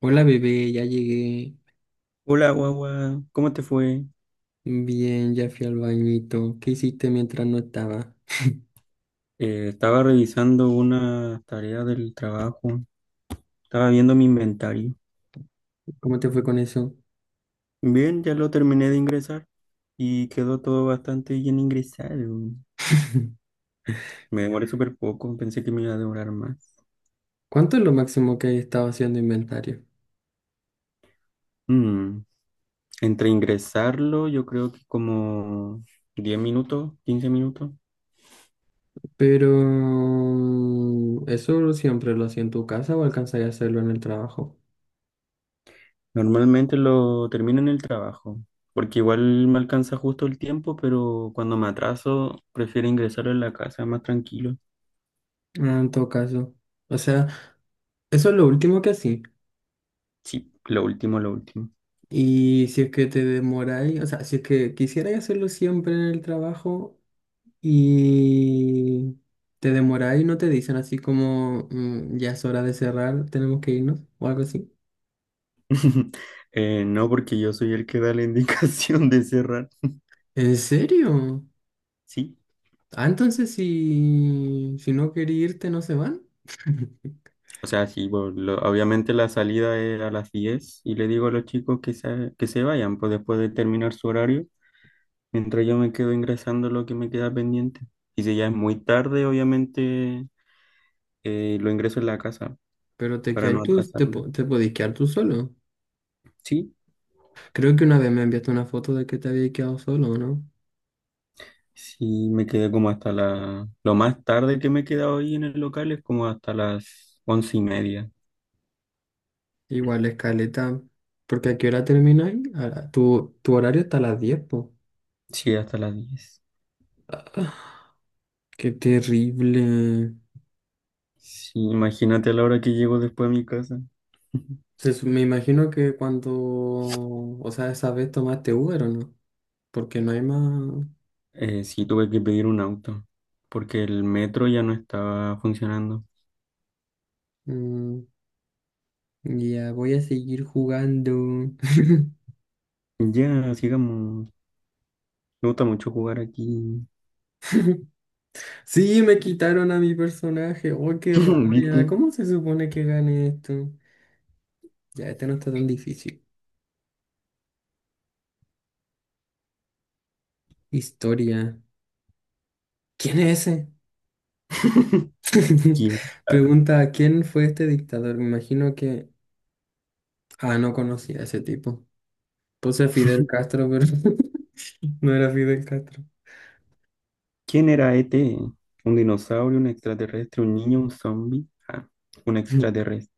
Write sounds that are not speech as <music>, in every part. Hola bebé, ya llegué. Hola, guagua, ¿cómo te fue? Bien, ya fui al bañito. ¿Qué hiciste mientras no estaba? Estaba revisando una tarea del trabajo, estaba viendo mi inventario. ¿Cómo te fue con eso? Bien, ya lo terminé de ingresar y quedó todo bastante bien ingresado. <laughs> Me demoré súper poco, pensé que me iba a demorar más. ¿Cuánto es lo máximo que he estado haciendo inventario? Mm, Entre ingresarlo, yo creo que como 10 minutos, 15 minutos. Pero eso siempre lo hacía en tu casa o alcanzaría a hacerlo en el trabajo. Normalmente lo termino en el trabajo, porque igual me alcanza justo el tiempo, pero cuando me atraso, prefiero ingresarlo en la casa, más tranquilo. Ah, en todo caso. O sea, eso es lo último que hacía. Sí, lo último, lo último. Y si es que te demoráis, o sea, si es que quisierais hacerlo siempre en el trabajo, y te demoráis y no te dicen así como "Mm, ya es hora de cerrar, tenemos que irnos o algo así". <laughs> No, porque yo soy el que da la <laughs> indicación de cerrar. ¿En serio? Sí, Ah, entonces si no quería irte no se van. <laughs> o sea, sí, bueno, obviamente la salida es a las 10 y le digo a los chicos que se vayan, pues después de terminar su horario, mientras yo me quedo ingresando lo que me queda pendiente. Y si ya es muy tarde, obviamente lo ingreso en la casa Pero te para no quedáis tú, atrasarme. Te podéis quedar tú solo. Sí, Creo que una vez me enviaste una foto de que te habías quedado solo, ¿no? sí, me quedé como hasta la... Lo más tarde que me he quedado ahí en el local es como hasta las 11 y media. Igual escaleta. ¿Porque a qué hora termináis? Tu horario está a las 10, po. Sí, hasta las 10. Qué terrible. Sí, imagínate a la hora que llego después a mi casa. <laughs> Me imagino que cuando, o sea, esa vez tomaste Uber o no, porque no hay más. Sí, tuve que pedir un auto porque el metro ya no estaba funcionando. Mm, ya voy a seguir jugando. <laughs> Ya, sigamos. Me gusta mucho jugar aquí. Sí, me quitaron a mi personaje. Oh, qué <laughs> rabia. ¿Viste? ¿Cómo se supone que gane esto? Ya, este no está tan difícil. Historia. ¿Quién es ese? <laughs> <laughs> ¿Quién, ah, Pregunta, ¿quién fue este dictador? Me imagino que. Ah, no conocía a ese tipo. Puse a Fidel Castro, pero <laughs> no era Fidel Castro. Quién era ET? ¿Un dinosaurio, un extraterrestre, un niño, un zombie? Ah, un <laughs> extraterrestre.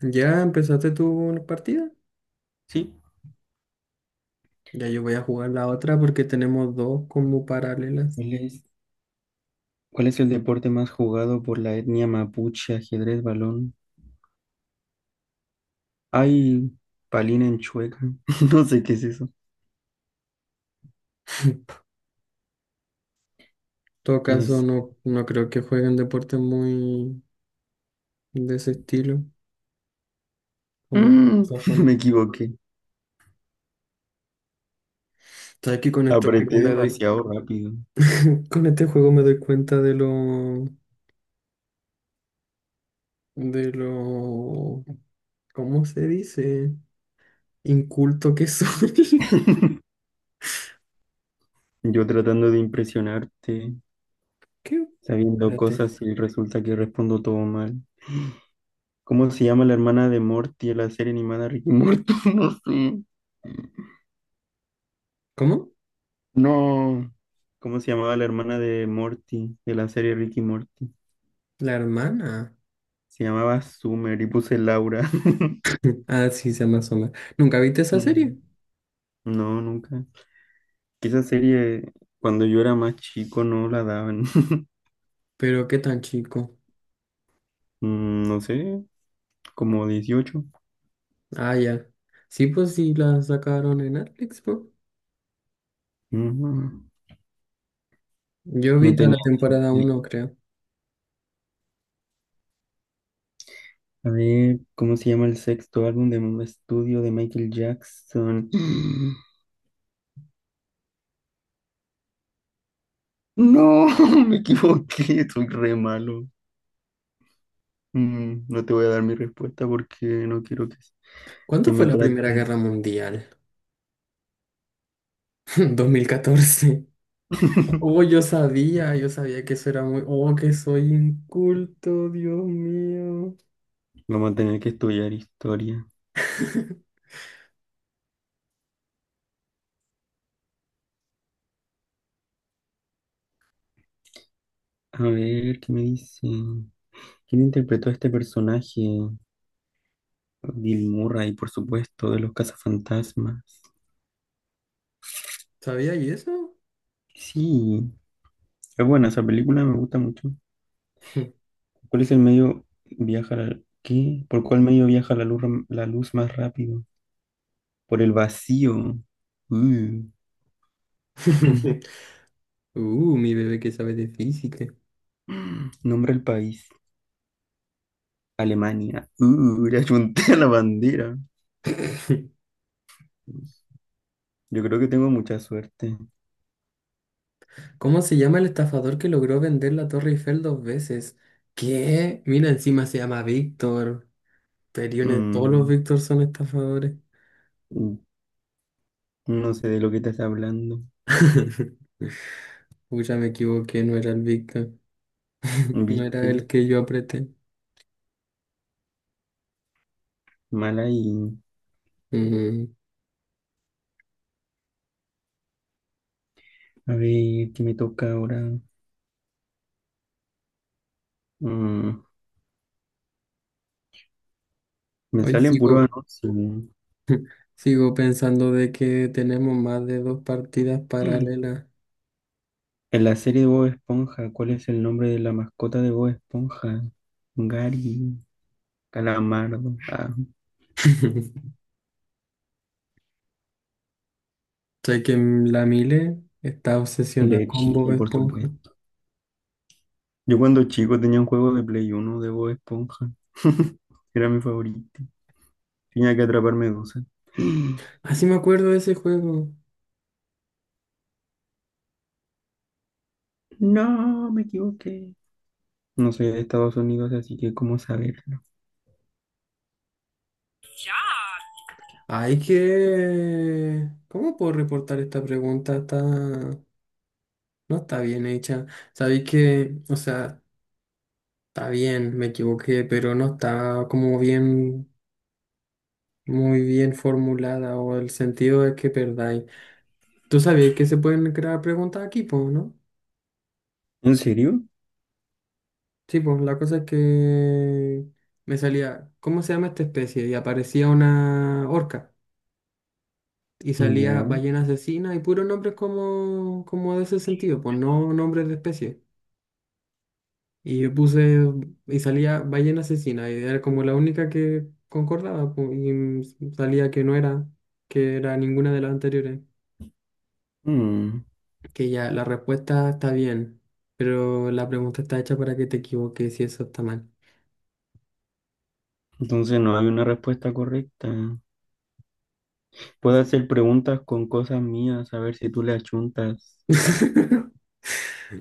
Ya empezaste tú una partida. Sí. Ya yo voy a jugar la otra porque tenemos dos como paralelas. ¿Cuál es, cuál es el deporte más jugado por la etnia mapuche? Ajedrez, balón. Ay, palina en chueca. <laughs> No sé qué es eso. <laughs> En todo ¿Quién caso, es no, no creo que jueguen deportes muy de ese estilo, como Mm, <laughs> sajones. me equivoqué. Sabes que con este juego Apreté <laughs> me doy, demasiado rápido. <laughs> con este juego me doy cuenta de lo, de lo, ¿cómo se dice? Inculto que soy. Yo tratando de impresionarte, <laughs> ¿Qué? sabiendo Espérate. cosas y resulta que respondo todo mal. ¿Cómo se llama la hermana de Morty en la serie animada Ricky Morty? <laughs> No sé. ¿Cómo? No. ¿Cómo se llamaba la hermana de Morty de la serie Ricky Morty? La hermana. <laughs> Se llamaba Summer y puse Laura. <laughs> Ah, sí, se llama asoma. ¿Nunca viste esa Mm, serie? No, nunca. Que Esa serie, cuando yo era más chico, no la daban. <laughs> Pero qué tan chico. No sé, como 18. Ah, ya. Sí, pues sí, la sacaron en Netflix, ¿no? Mm, Yo No vi toda tenía. la temporada ni- uno creo. A ver, ¿cómo se llama el sexto álbum de un estudio de Michael Jackson? <gasps> No, <laughs> me equivoqué, soy re malo. Mm, no te voy a dar mi respuesta porque no quiero que ¿Cuándo fue me la Primera Guerra trates. Mundial? <laughs> 2014. Oh, <laughs> yo sabía que eso era muy. Oh, que soy inculto, Dios mío. Vamos a tener que estudiar historia. <laughs> A ver, ¿qué me dicen? ¿Quién interpretó a este personaje? Bill Murray, por supuesto, de los cazafantasmas. ¿Sabía y eso? Sí, es buena esa película, me gusta mucho. ¿Cuál es el medio viaja la, ¿qué? ¿Por cuál medio viaja la luz más rápido? Por el vacío. Uh. <laughs> <clears throat> Mi bebé que sabe de física. Nombre del país. Alemania. Le achunté a <laughs> la bandera. <laughs> Yo creo que tengo mucha suerte. ¿Cómo se llama el estafador que logró vender la Torre Eiffel dos veces? ¿Qué? Mira, encima se llama Víctor. Periones, todos los Mm, Víctor son estafadores. mm, no sé de lo que estás hablando. <laughs> Pucha, me equivoqué, no era el Víctor. No era Viste, el que yo apreté. mala y... Mm, A ver, ¿qué me toca ahora? Mm, Me Hoy salen puro anuncios. <laughs> sigo pensando de que tenemos más de dos partidas paralelas. En la serie de Bob Esponja, ¿cuál es el nombre de la mascota de Bob Esponja? Gary, Calamardo, ah, <laughs> Sé que la Mile está obsesionada de con Bob Chile, por Esponja. supuesto. Yo cuando chico tenía un juego de Play uno de Bob Esponja. <laughs> Era mi favorito. Tenía que atrapar medusas. <gasps> Ah, sí me acuerdo de ese juego. No, me equivoqué. No soy de Estados Unidos, así que ¿cómo saberlo? Hay que. ¿Cómo puedo reportar esta pregunta? Está. No está bien hecha. Sabéis que, o sea, está bien, me equivoqué, pero no está como bien, muy bien formulada o el sentido es que perdáis. Tú sabías que se pueden crear preguntas aquí, pues, ¿no? ¿En serio? Sí, pues la cosa es que me salía, ¿cómo se llama esta especie? Y aparecía una orca y salía Ya. ballena asesina y puros nombres como de ese sentido, pues no nombres de especie. Y yo puse, y salía ballena asesina, y era como la única que concordaba, y salía que no era, que era ninguna de las anteriores. Mm, Que ya, la respuesta está bien, pero la pregunta está hecha para que te equivoques y eso está mal. Entonces no hay una respuesta correcta. Puedo hacer preguntas con cosas mías, a ver si tú le achuntas. Ah. <laughs>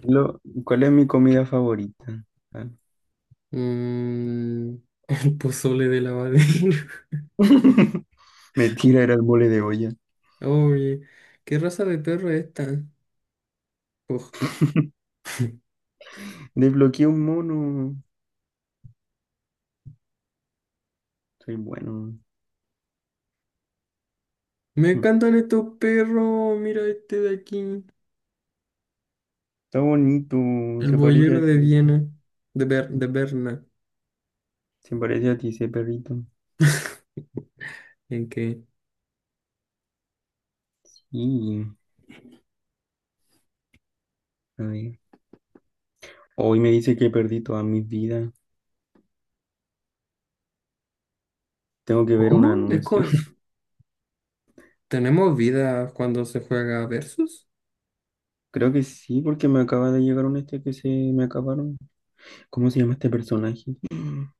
¿Cuál es mi comida favorita? Ah, Mm, el pozole de lavadero. <laughs> mentira, era el mole de olla. <laughs> Oye, ¿qué raza de perro es esta? Uf, <laughs> Desbloqueé un mono. Soy bueno. me Hmm. encantan estos perros. Mira este de aquí. Está bonito. El Se parece boyero a ti. de Viena. De Berna. Se parece a ti ese perrito. ¿En qué? Y, a ver. Hoy me dice que perdí toda mi vida. Tengo que ver un ¿Cómo? Anuncio. <laughs> ¿Tenemos vida cuando se juega versus? Creo que sí, porque me acaba de llegar un este que se me acabaron. ¿Cómo se llama este personaje? <gasps>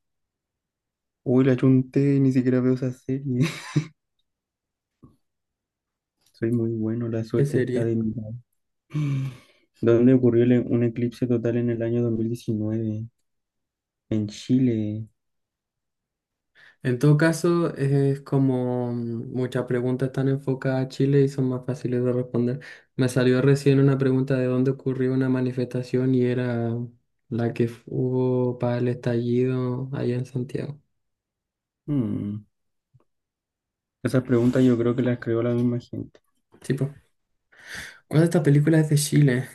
Uy, la chunté, ni siquiera veo esa serie. <laughs> Soy muy bueno, la ¿Qué suerte está serie? de mi lado. ¿Dónde ocurrió un eclipse total en el año 2019? En Chile. En todo caso, es como muchas preguntas están enfocadas a Chile y son más fáciles de responder. Me salió recién una pregunta de dónde ocurrió una manifestación y era la que hubo para el estallido allá en Santiago. Mm, Esas preguntas yo creo que las creó la misma gente. Tipo, ¿cuál de estas películas es de Chile?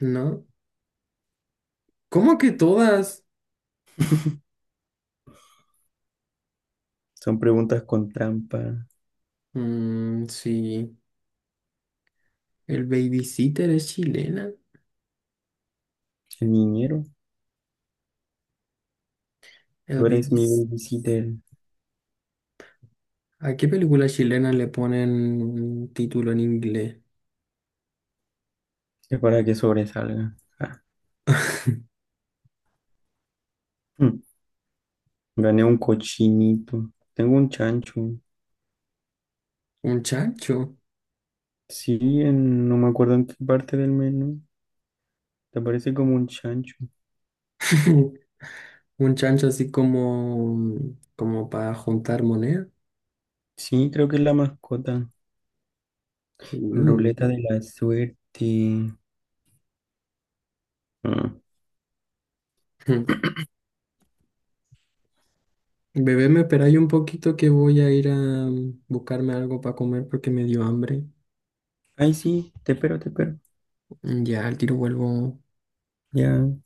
¿No? ¿Cómo que todas? Son preguntas con trampa. Mm, sí. El Babysitter es chilena. El niñero, El tú eres baby. mi babysitter. ¿A qué película chilena le ponen un título en inglés? Es para que sobresalga. Ah, mm, Gané un cochinito. Tengo un chancho. ¿Un chancho? Sí, no me acuerdo en qué parte del menú. Te parece como un chancho. <laughs> ¿Un chancho así como para juntar moneda? Sí, creo que es la mascota. Mm. Ruleta de la suerte. Ah. <laughs> Bebé, me esperáis un poquito que voy a ir a buscarme algo para comer porque me dio hambre. Ay, sí, te espero, te espero. Ya, al tiro vuelvo. Ya,